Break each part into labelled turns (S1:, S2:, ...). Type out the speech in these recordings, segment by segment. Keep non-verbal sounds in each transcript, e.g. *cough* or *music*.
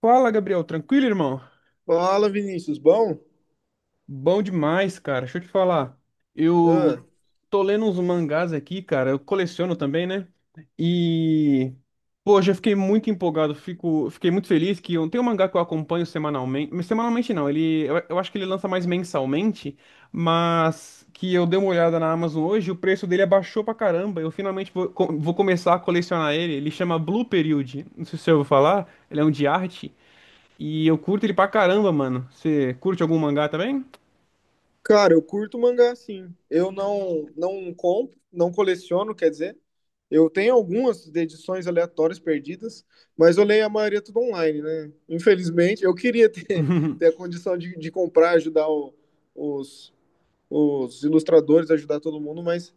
S1: Fala, Gabriel. Tranquilo, irmão?
S2: Fala, Vinícius, bom?
S1: Bom demais, cara. Deixa eu te falar.
S2: Ah,
S1: Eu tô lendo uns mangás aqui, cara. Eu coleciono também, né? E, pô, já fiquei muito empolgado. Fiquei muito feliz que tem um mangá que eu acompanho semanalmente. Semanalmente não, eu acho que ele lança mais mensalmente, mas que eu dei uma olhada na Amazon hoje, o preço dele abaixou pra caramba. Eu finalmente vou começar a colecionar ele. Ele chama Blue Period. Não sei se você ouviu falar. Ele é um de arte. E eu curto ele pra caramba, mano. Você curte algum mangá também?
S2: Cara, eu curto mangá sim. Eu não compro, não coleciono, quer dizer, eu tenho algumas de edições aleatórias perdidas, mas eu leio a maioria tudo online, né? Infelizmente, eu queria ter, *laughs* ter a condição de comprar, ajudar o- os, os ilustradores, ajudar todo mundo, mas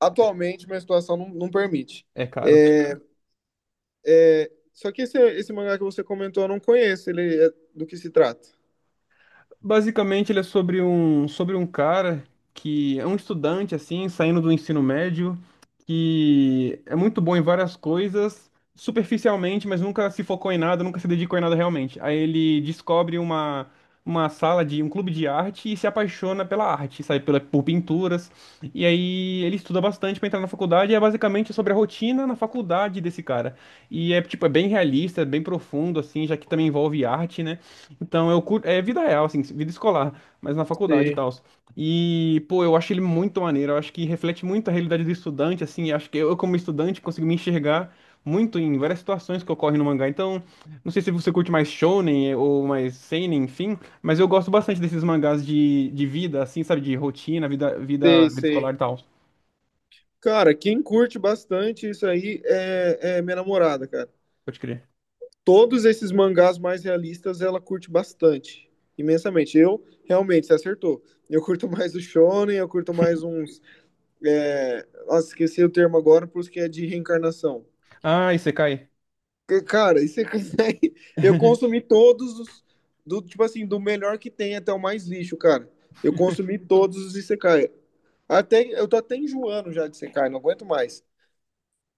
S2: atualmente minha situação não permite.
S1: É caro.
S2: É, só que esse mangá que você comentou eu não conheço, ele é, do que se trata?
S1: Basicamente, ele é sobre um cara que é um estudante, assim, saindo do ensino médio, que é muito bom em várias coisas, superficialmente, mas nunca se focou em nada, nunca se dedicou em nada realmente. Aí ele descobre uma sala de um clube de arte e se apaixona pela arte, sabe, pela, por pinturas. E aí ele estuda bastante para entrar na faculdade, e é basicamente sobre a rotina na faculdade desse cara. E é, tipo, é bem realista, é bem profundo, assim, já que também envolve arte, né? Então, eu curto, é vida real, assim, vida escolar, mas na faculdade e
S2: Sei,
S1: tal. E, pô, eu acho ele muito maneiro, eu acho que reflete muito a realidade do estudante, assim, eu acho que eu, como estudante, consigo me enxergar muito em várias situações que ocorrem no mangá. Então, não sei se você curte mais shonen ou mais seinen, enfim, mas eu gosto bastante desses mangás de vida, assim, sabe, de rotina, vida escolar e
S2: Sei.
S1: tal.
S2: Cara, quem curte bastante isso aí é minha namorada, cara.
S1: Pode crer.
S2: Todos esses mangás mais realistas ela curte bastante, imensamente. Eu, realmente, você acertou. Eu curto mais o Shonen, eu curto mais uns. Nossa, esqueci o termo agora, por isso que é de reencarnação.
S1: Ah, Isekai.
S2: Que, cara, e você *laughs* consegue. Eu consumi todos os. Do, tipo assim, do melhor que tem até o mais lixo, cara. Eu consumi todos os Isekai. Até, eu tô até enjoando já de Isekai, não aguento mais.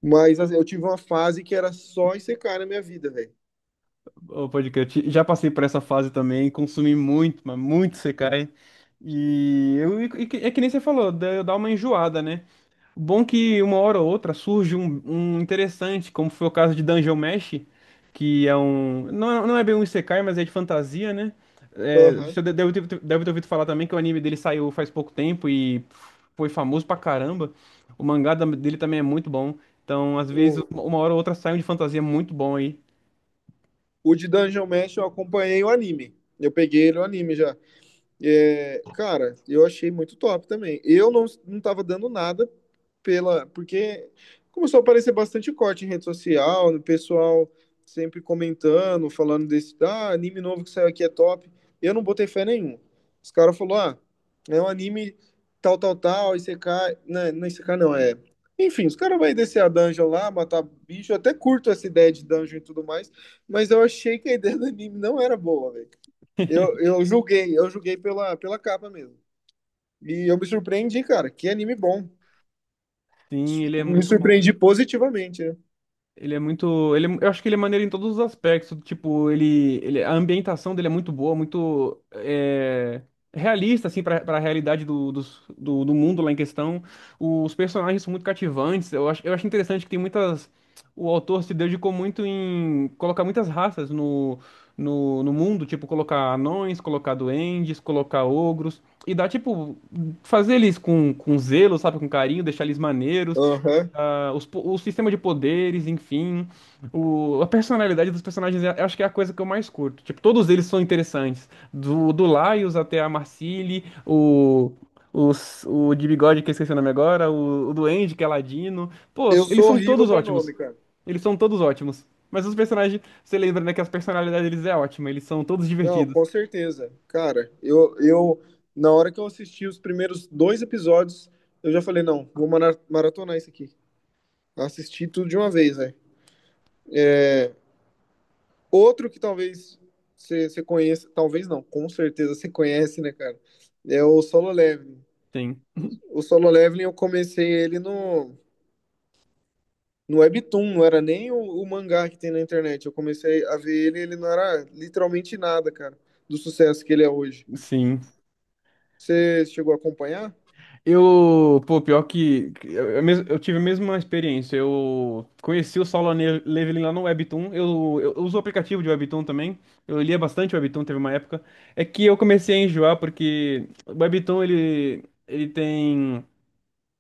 S2: Mas assim, eu tive uma fase que era só ICK na minha vida, velho.
S1: Ô, pode crer. Já passei por essa fase também, consumi muito, mas muito Sekai. É que nem você falou, dá uma enjoada, né? Bom que uma hora ou outra surge um, um interessante, como foi o caso de Dungeon Mesh, que é um. Não, não é bem um Isekai, mas é de fantasia, né? É,
S2: Aham.
S1: você deve ter ouvido falar também que o anime dele saiu faz pouco tempo e foi famoso pra caramba. O mangá dele também é muito bom. Então, às vezes,
S2: O,
S1: uma hora ou outra sai um de fantasia muito bom aí.
S2: o de Dungeon Mesh eu acompanhei o anime. Eu peguei ele o anime já. É, cara, eu achei muito top também. Eu não, Não tava dando nada pela. Porque começou a aparecer bastante corte em rede social, no pessoal sempre comentando, falando desse. Ah, anime novo que saiu aqui é top. Eu não botei fé nenhuma. Os caras falaram, ah, é um anime tal, tal, tal, ICK. Não é ICK, não, é. Enfim, os caras vão descer a dungeon lá, matar bicho. Eu até curto essa ideia de dungeon e tudo mais, mas eu achei que a ideia do anime não era boa, velho.
S1: *laughs*
S2: Eu julguei pela, pela capa mesmo. E eu me surpreendi, cara. Que anime bom.
S1: Sim, ele é
S2: Me
S1: muito bom.
S2: surpreendi positivamente, né?
S1: Ele é muito. Eu acho que ele é maneiro em todos os aspectos. Tipo, a ambientação dele é muito boa, muito realista, assim, pra realidade do, do mundo lá em questão. Os personagens são muito cativantes. Eu acho interessante que tem muitas. O autor se dedicou muito em colocar muitas raças no mundo, tipo, colocar anões, colocar duendes, colocar ogros. E dá, tipo, fazer eles com zelo, sabe, com carinho, deixar eles maneiros,
S2: Aham.
S1: os o sistema de poderes, enfim, a personalidade dos personagens, eu acho que é a coisa que eu mais curto. Tipo, todos eles são interessantes. Do Laios até a Marcili, o, o de bigode, que eu esqueci o nome agora, o Duende, que é Ladino. Pô,
S2: Eu
S1: eles
S2: sou
S1: são
S2: horrível
S1: todos
S2: pra
S1: ótimos.
S2: nome, cara.
S1: Eles são todos ótimos. Mas os personagens, você lembra, né, que as personalidades deles é ótima, eles são todos
S2: Não,
S1: divertidos.
S2: com certeza. Cara, na hora que eu assisti os primeiros dois episódios, eu já falei, não, vou mara- maratonar isso aqui. Assisti tudo de uma vez, velho. Outro que talvez você conheça, talvez não, com certeza você conhece, né, cara? É o Solo Leveling.
S1: Sim.
S2: O Solo Leveling eu comecei ele no Webtoon, não era nem o mangá que tem na internet. Eu comecei a ver ele, ele não era literalmente nada, cara, do sucesso que ele é hoje.
S1: Sim.
S2: Você chegou a acompanhar?
S1: Eu, pô, pior que eu eu tive a mesma experiência. Eu conheci o Leveling lá no Webtoon. Eu uso o aplicativo de Webtoon também. Eu lia bastante Webtoon, teve uma época. É que eu comecei a enjoar porque o Webtoon ele tem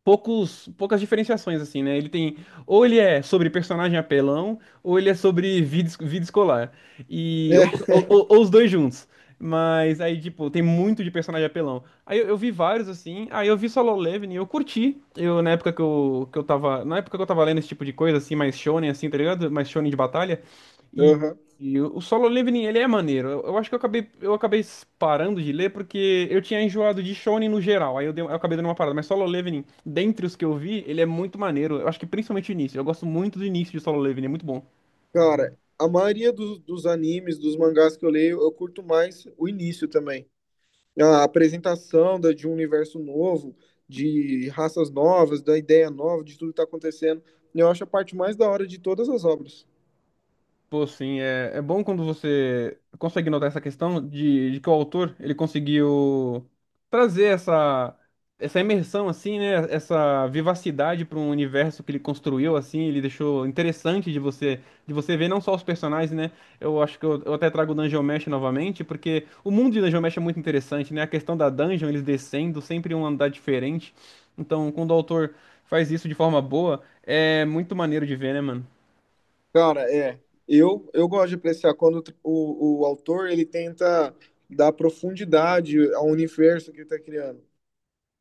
S1: poucas diferenciações, assim, né? Ele tem. Ou ele é sobre personagem apelão, ou ele é sobre vida, vida escolar.
S2: É,
S1: Ou os dois juntos. Mas aí, tipo, tem muito de personagem apelão. Aí eu vi vários, assim. Aí eu vi Solo Leveling e eu curti. Eu, na época que eu tava. Na época que eu tava lendo esse tipo de coisa, assim, mais shonen, assim, tá ligado? Mais shonen de batalha.
S2: *laughs* aham.
S1: E o Solo Leveling, ele é maneiro. Eu acho que eu acabei parando de ler porque eu tinha enjoado de Shonen no geral. Eu acabei dando uma parada. Mas Solo Leveling, dentre os que eu vi, ele é muito maneiro. Eu acho que principalmente o início. Eu gosto muito do início de Solo Leveling, é muito bom.
S2: Cara, a maioria dos, dos animes, dos mangás que eu leio, eu curto mais o início também. A apresentação da, de um universo novo, de raças novas, da ideia nova, de tudo que tá acontecendo. Eu acho a parte mais da hora de todas as obras.
S1: Pô, sim, é, é bom quando você consegue notar essa questão de que o autor ele conseguiu trazer essa, essa imersão, assim, né? Essa vivacidade para um universo que ele construiu, assim, ele deixou interessante de você ver não só os personagens, né? Eu acho que eu até trago o Dungeon Mesh novamente, porque o mundo de Dungeon Mesh é muito interessante, né? A questão da dungeon, eles descendo, sempre um andar diferente. Então, quando o autor faz isso de forma boa, é muito maneiro de ver, né, mano?
S2: Cara, é. Eu gosto de apreciar quando o, tr- o autor ele tenta dar profundidade ao universo que ele está criando.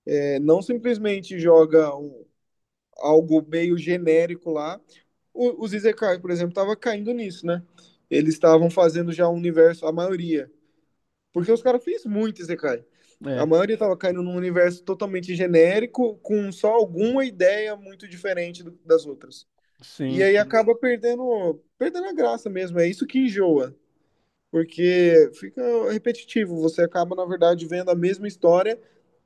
S2: É, não simplesmente joga um- algo meio genérico lá. O, os Izekai, por exemplo, tava caindo nisso, né? Eles estavam fazendo já um universo, a maioria. Porque os caras fez muito Izekai. A
S1: É,
S2: maioria tava caindo num universo totalmente genérico, com só alguma ideia muito diferente do- das outras. E
S1: sim,
S2: aí
S1: sim.
S2: acaba perdendo, perdendo a graça mesmo. É isso que enjoa, porque fica repetitivo. Você acaba, na verdade, vendo a mesma história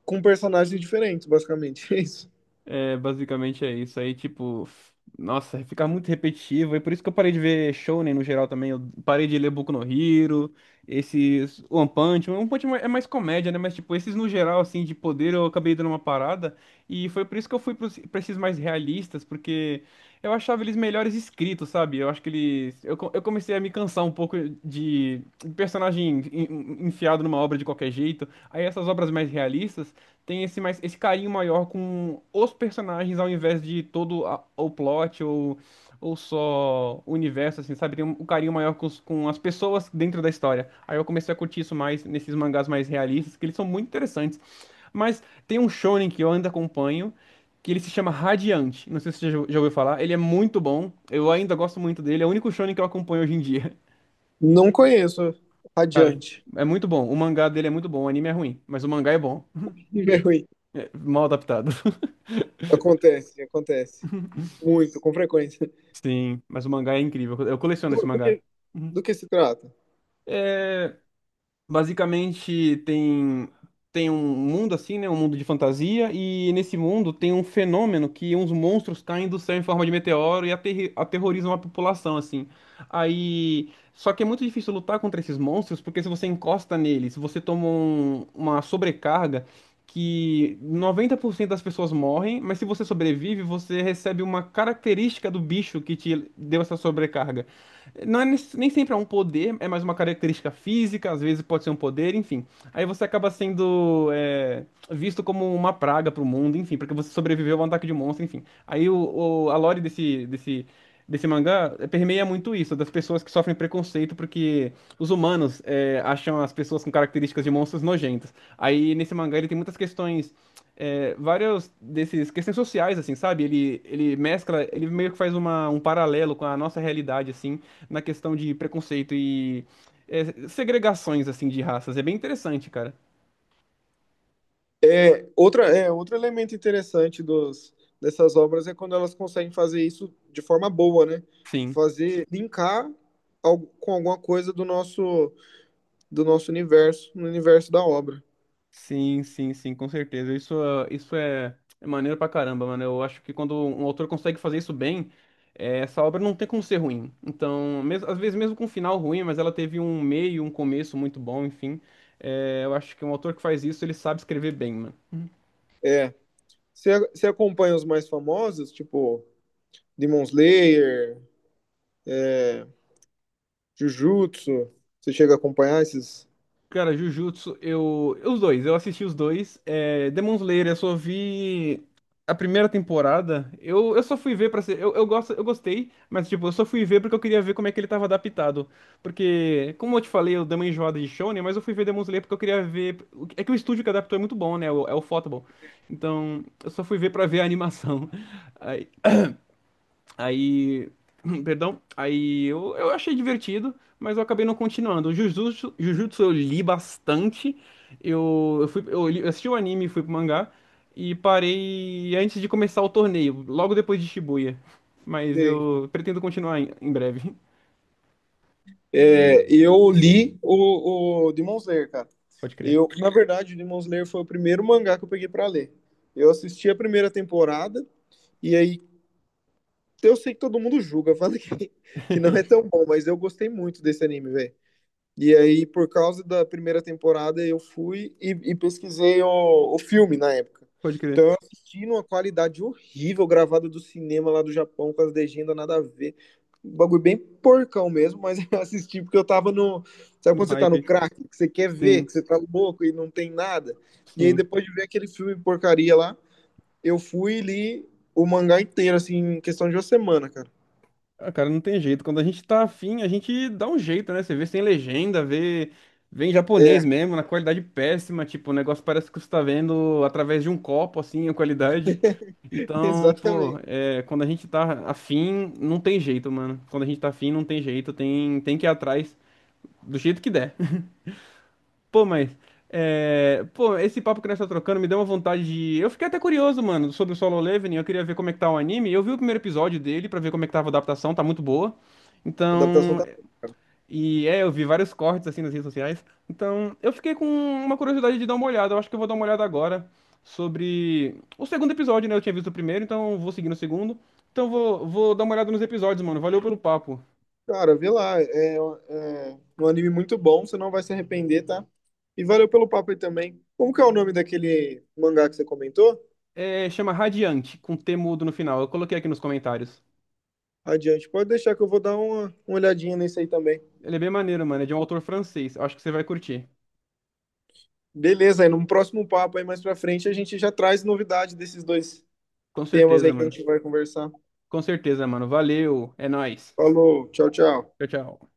S2: com personagens diferentes, basicamente. *laughs* É isso.
S1: É, basicamente é isso. Aí, tipo, nossa, fica muito repetitivo. E por isso que eu parei de ver Shonen no geral também. Eu parei de ler Boku no Hero, esses One Punch Man. One Punch Man é mais comédia, né? Mas, tipo, esses no geral, assim, de poder, eu acabei dando uma parada. E foi por isso que eu fui pra esses mais realistas, porque eu achava eles melhores escritos, sabe? Eu acho que eles. Eu comecei a me cansar um pouco de personagem enfiado numa obra de qualquer jeito. Aí, essas obras mais realistas tem esse mais esse carinho maior com os personagens ao invés de todo o plot ou só o universo assim, sabe? Tem um, um carinho maior com, com as pessoas dentro da história. Aí eu comecei a curtir isso mais nesses mangás mais realistas, que eles são muito interessantes. Mas tem um shonen que eu ainda acompanho, que ele se chama Radiante. Não sei se você já ouviu falar. Ele é muito bom. Eu ainda gosto muito dele. É o único shonen que eu acompanho hoje em dia.
S2: Não conheço.
S1: *laughs* Cara,
S2: Adiante.
S1: é muito bom. O mangá dele é muito bom. O anime é ruim, mas o mangá é bom.
S2: *laughs* É ruim.
S1: É mal adaptado.
S2: Acontece, acontece. Muito, com frequência.
S1: Sim, mas o mangá é incrível. Eu coleciono
S2: Do,
S1: esse
S2: do
S1: mangá.
S2: que,
S1: Uhum.
S2: do que se trata?
S1: É, basicamente tem tem um mundo assim, né, um mundo de fantasia e nesse mundo tem um fenômeno que uns monstros caem do céu em forma de meteoro e aterrorizam a população assim. Aí, só que é muito difícil lutar contra esses monstros porque se você encosta neles, você toma uma sobrecarga que 90% das pessoas morrem, mas se você sobrevive, você recebe uma característica do bicho que te deu essa sobrecarga. Não é, nem sempre é um poder, é mais uma característica física, às vezes pode ser um poder, enfim. Aí você acaba sendo visto como uma praga pro mundo, enfim, porque você sobreviveu a um ataque de monstro, enfim. Aí a lore desse mangá permeia muito isso, das pessoas que sofrem preconceito porque os humanos acham as pessoas com características de monstros nojentas. Aí nesse mangá ele tem muitas questões vários desses questões sociais, assim, sabe? Ele mescla, ele meio que faz um paralelo com a nossa realidade, assim, na questão de preconceito e segregações assim de raças. É bem interessante, cara.
S2: É, outra, é, outro elemento interessante dos, dessas obras é quando elas conseguem fazer isso de forma boa, né?
S1: Sim,
S2: Fazer, linkar al- com alguma coisa do nosso universo, no universo da obra.
S1: sim, com certeza. Isso, isso é, é maneiro pra caramba, mano. Eu acho que quando um autor consegue fazer isso bem, é, essa obra não tem como ser ruim. Então, mesmo, às vezes mesmo com um final ruim, mas ela teve um meio, um começo muito bom, enfim. É, eu acho que um autor que faz isso, ele sabe escrever bem, mano.
S2: É. Você acompanha os mais famosos, tipo Demon Slayer, é, Jujutsu? Você chega a acompanhar esses?
S1: Cara, Jujutsu, eu. Os dois, eu assisti os dois. É, Demon Slayer, eu só vi a primeira temporada. Eu só fui ver pra ser. Eu gostei, mas tipo, eu só fui ver porque eu queria ver como é que ele tava adaptado. Porque, como eu te falei, eu dei uma enjoada de Shonen, mas eu fui ver Demon Slayer porque eu queria ver. É que o estúdio que adaptou é muito bom, né? É o Photable. Então, eu só fui ver pra ver a animação. *laughs* Aí, *clears throat* perdão, aí eu achei divertido, mas eu acabei não continuando. O Jujutsu, Jujutsu eu li bastante. Eu fui, eu li- eu assisti o anime, fui pro mangá e parei antes de começar o torneio, logo depois de Shibuya. Mas
S2: Sei.
S1: eu pretendo continuar em, em breve.
S2: É, eu li o Demon Slayer, cara.
S1: *laughs* Pode crer.
S2: Eu, na verdade, o Demon Slayer foi o primeiro mangá que eu peguei pra ler. Eu assisti a primeira temporada e aí eu sei que todo mundo julga, *laughs* fala que não é tão bom, mas eu gostei muito desse anime, velho. E aí, por causa da primeira temporada, eu fui e pesquisei o filme na época.
S1: Pode crer,
S2: Então, eu assisti numa qualidade horrível, gravada do cinema lá do Japão, com as legendas nada a ver. Um bagulho bem porcão mesmo, mas *laughs* eu assisti porque eu tava no. Sabe
S1: no
S2: quando você tá no
S1: hype.
S2: crack, que você quer ver,
S1: Sim,
S2: que você tá louco e não tem nada? E aí,
S1: sim.
S2: depois de ver aquele filme porcaria lá, eu fui e li o mangá inteiro, assim, em questão de uma semana, cara.
S1: Ah, cara, não tem jeito. Quando a gente tá afim, a gente dá um jeito, né? Você vê sem legenda, vê em japonês
S2: É,
S1: mesmo, na qualidade péssima. Tipo, o negócio parece que você tá vendo através de um copo, assim, a qualidade.
S2: *laughs*
S1: Então, pô,
S2: exatamente.
S1: é, quando a gente tá afim, não tem jeito, mano. Quando a gente tá afim, não tem jeito. Tem que ir atrás do jeito que der. Pô, mas. Pô, esse papo que nós tá trocando me deu uma vontade de. Eu fiquei até curioso, mano, sobre o Solo Leveling. Eu queria ver como é que tá o anime. Eu vi o primeiro episódio dele pra ver como é que tava a adaptação, tá muito boa.
S2: A adaptação
S1: Então.
S2: tá boa.
S1: E é, eu vi vários cortes assim nas redes sociais. Então, eu fiquei com uma curiosidade de dar uma olhada. Eu acho que eu vou dar uma olhada agora sobre o segundo episódio, né? Eu tinha visto o primeiro, então eu vou seguir no segundo. Então, vou dar uma olhada nos episódios, mano. Valeu pelo papo.
S2: Cara, vê lá. É é um anime muito bom, você não vai se arrepender, tá? E valeu pelo papo aí também. Como que é o nome daquele mangá que você comentou?
S1: É, chama Radiante, com T mudo no final. Eu coloquei aqui nos comentários.
S2: Adiante, pode deixar que eu vou dar uma olhadinha nesse aí também.
S1: Ele é bem maneiro, mano. É de um autor francês. Acho que você vai curtir.
S2: Beleza, aí no próximo papo aí mais pra frente a gente já traz novidade desses dois
S1: Com
S2: temas aí
S1: certeza,
S2: que a
S1: mano.
S2: gente vai conversar.
S1: Com certeza, mano. Valeu. É nóis.
S2: Falou, tchau, tchau.
S1: Tchau, tchau.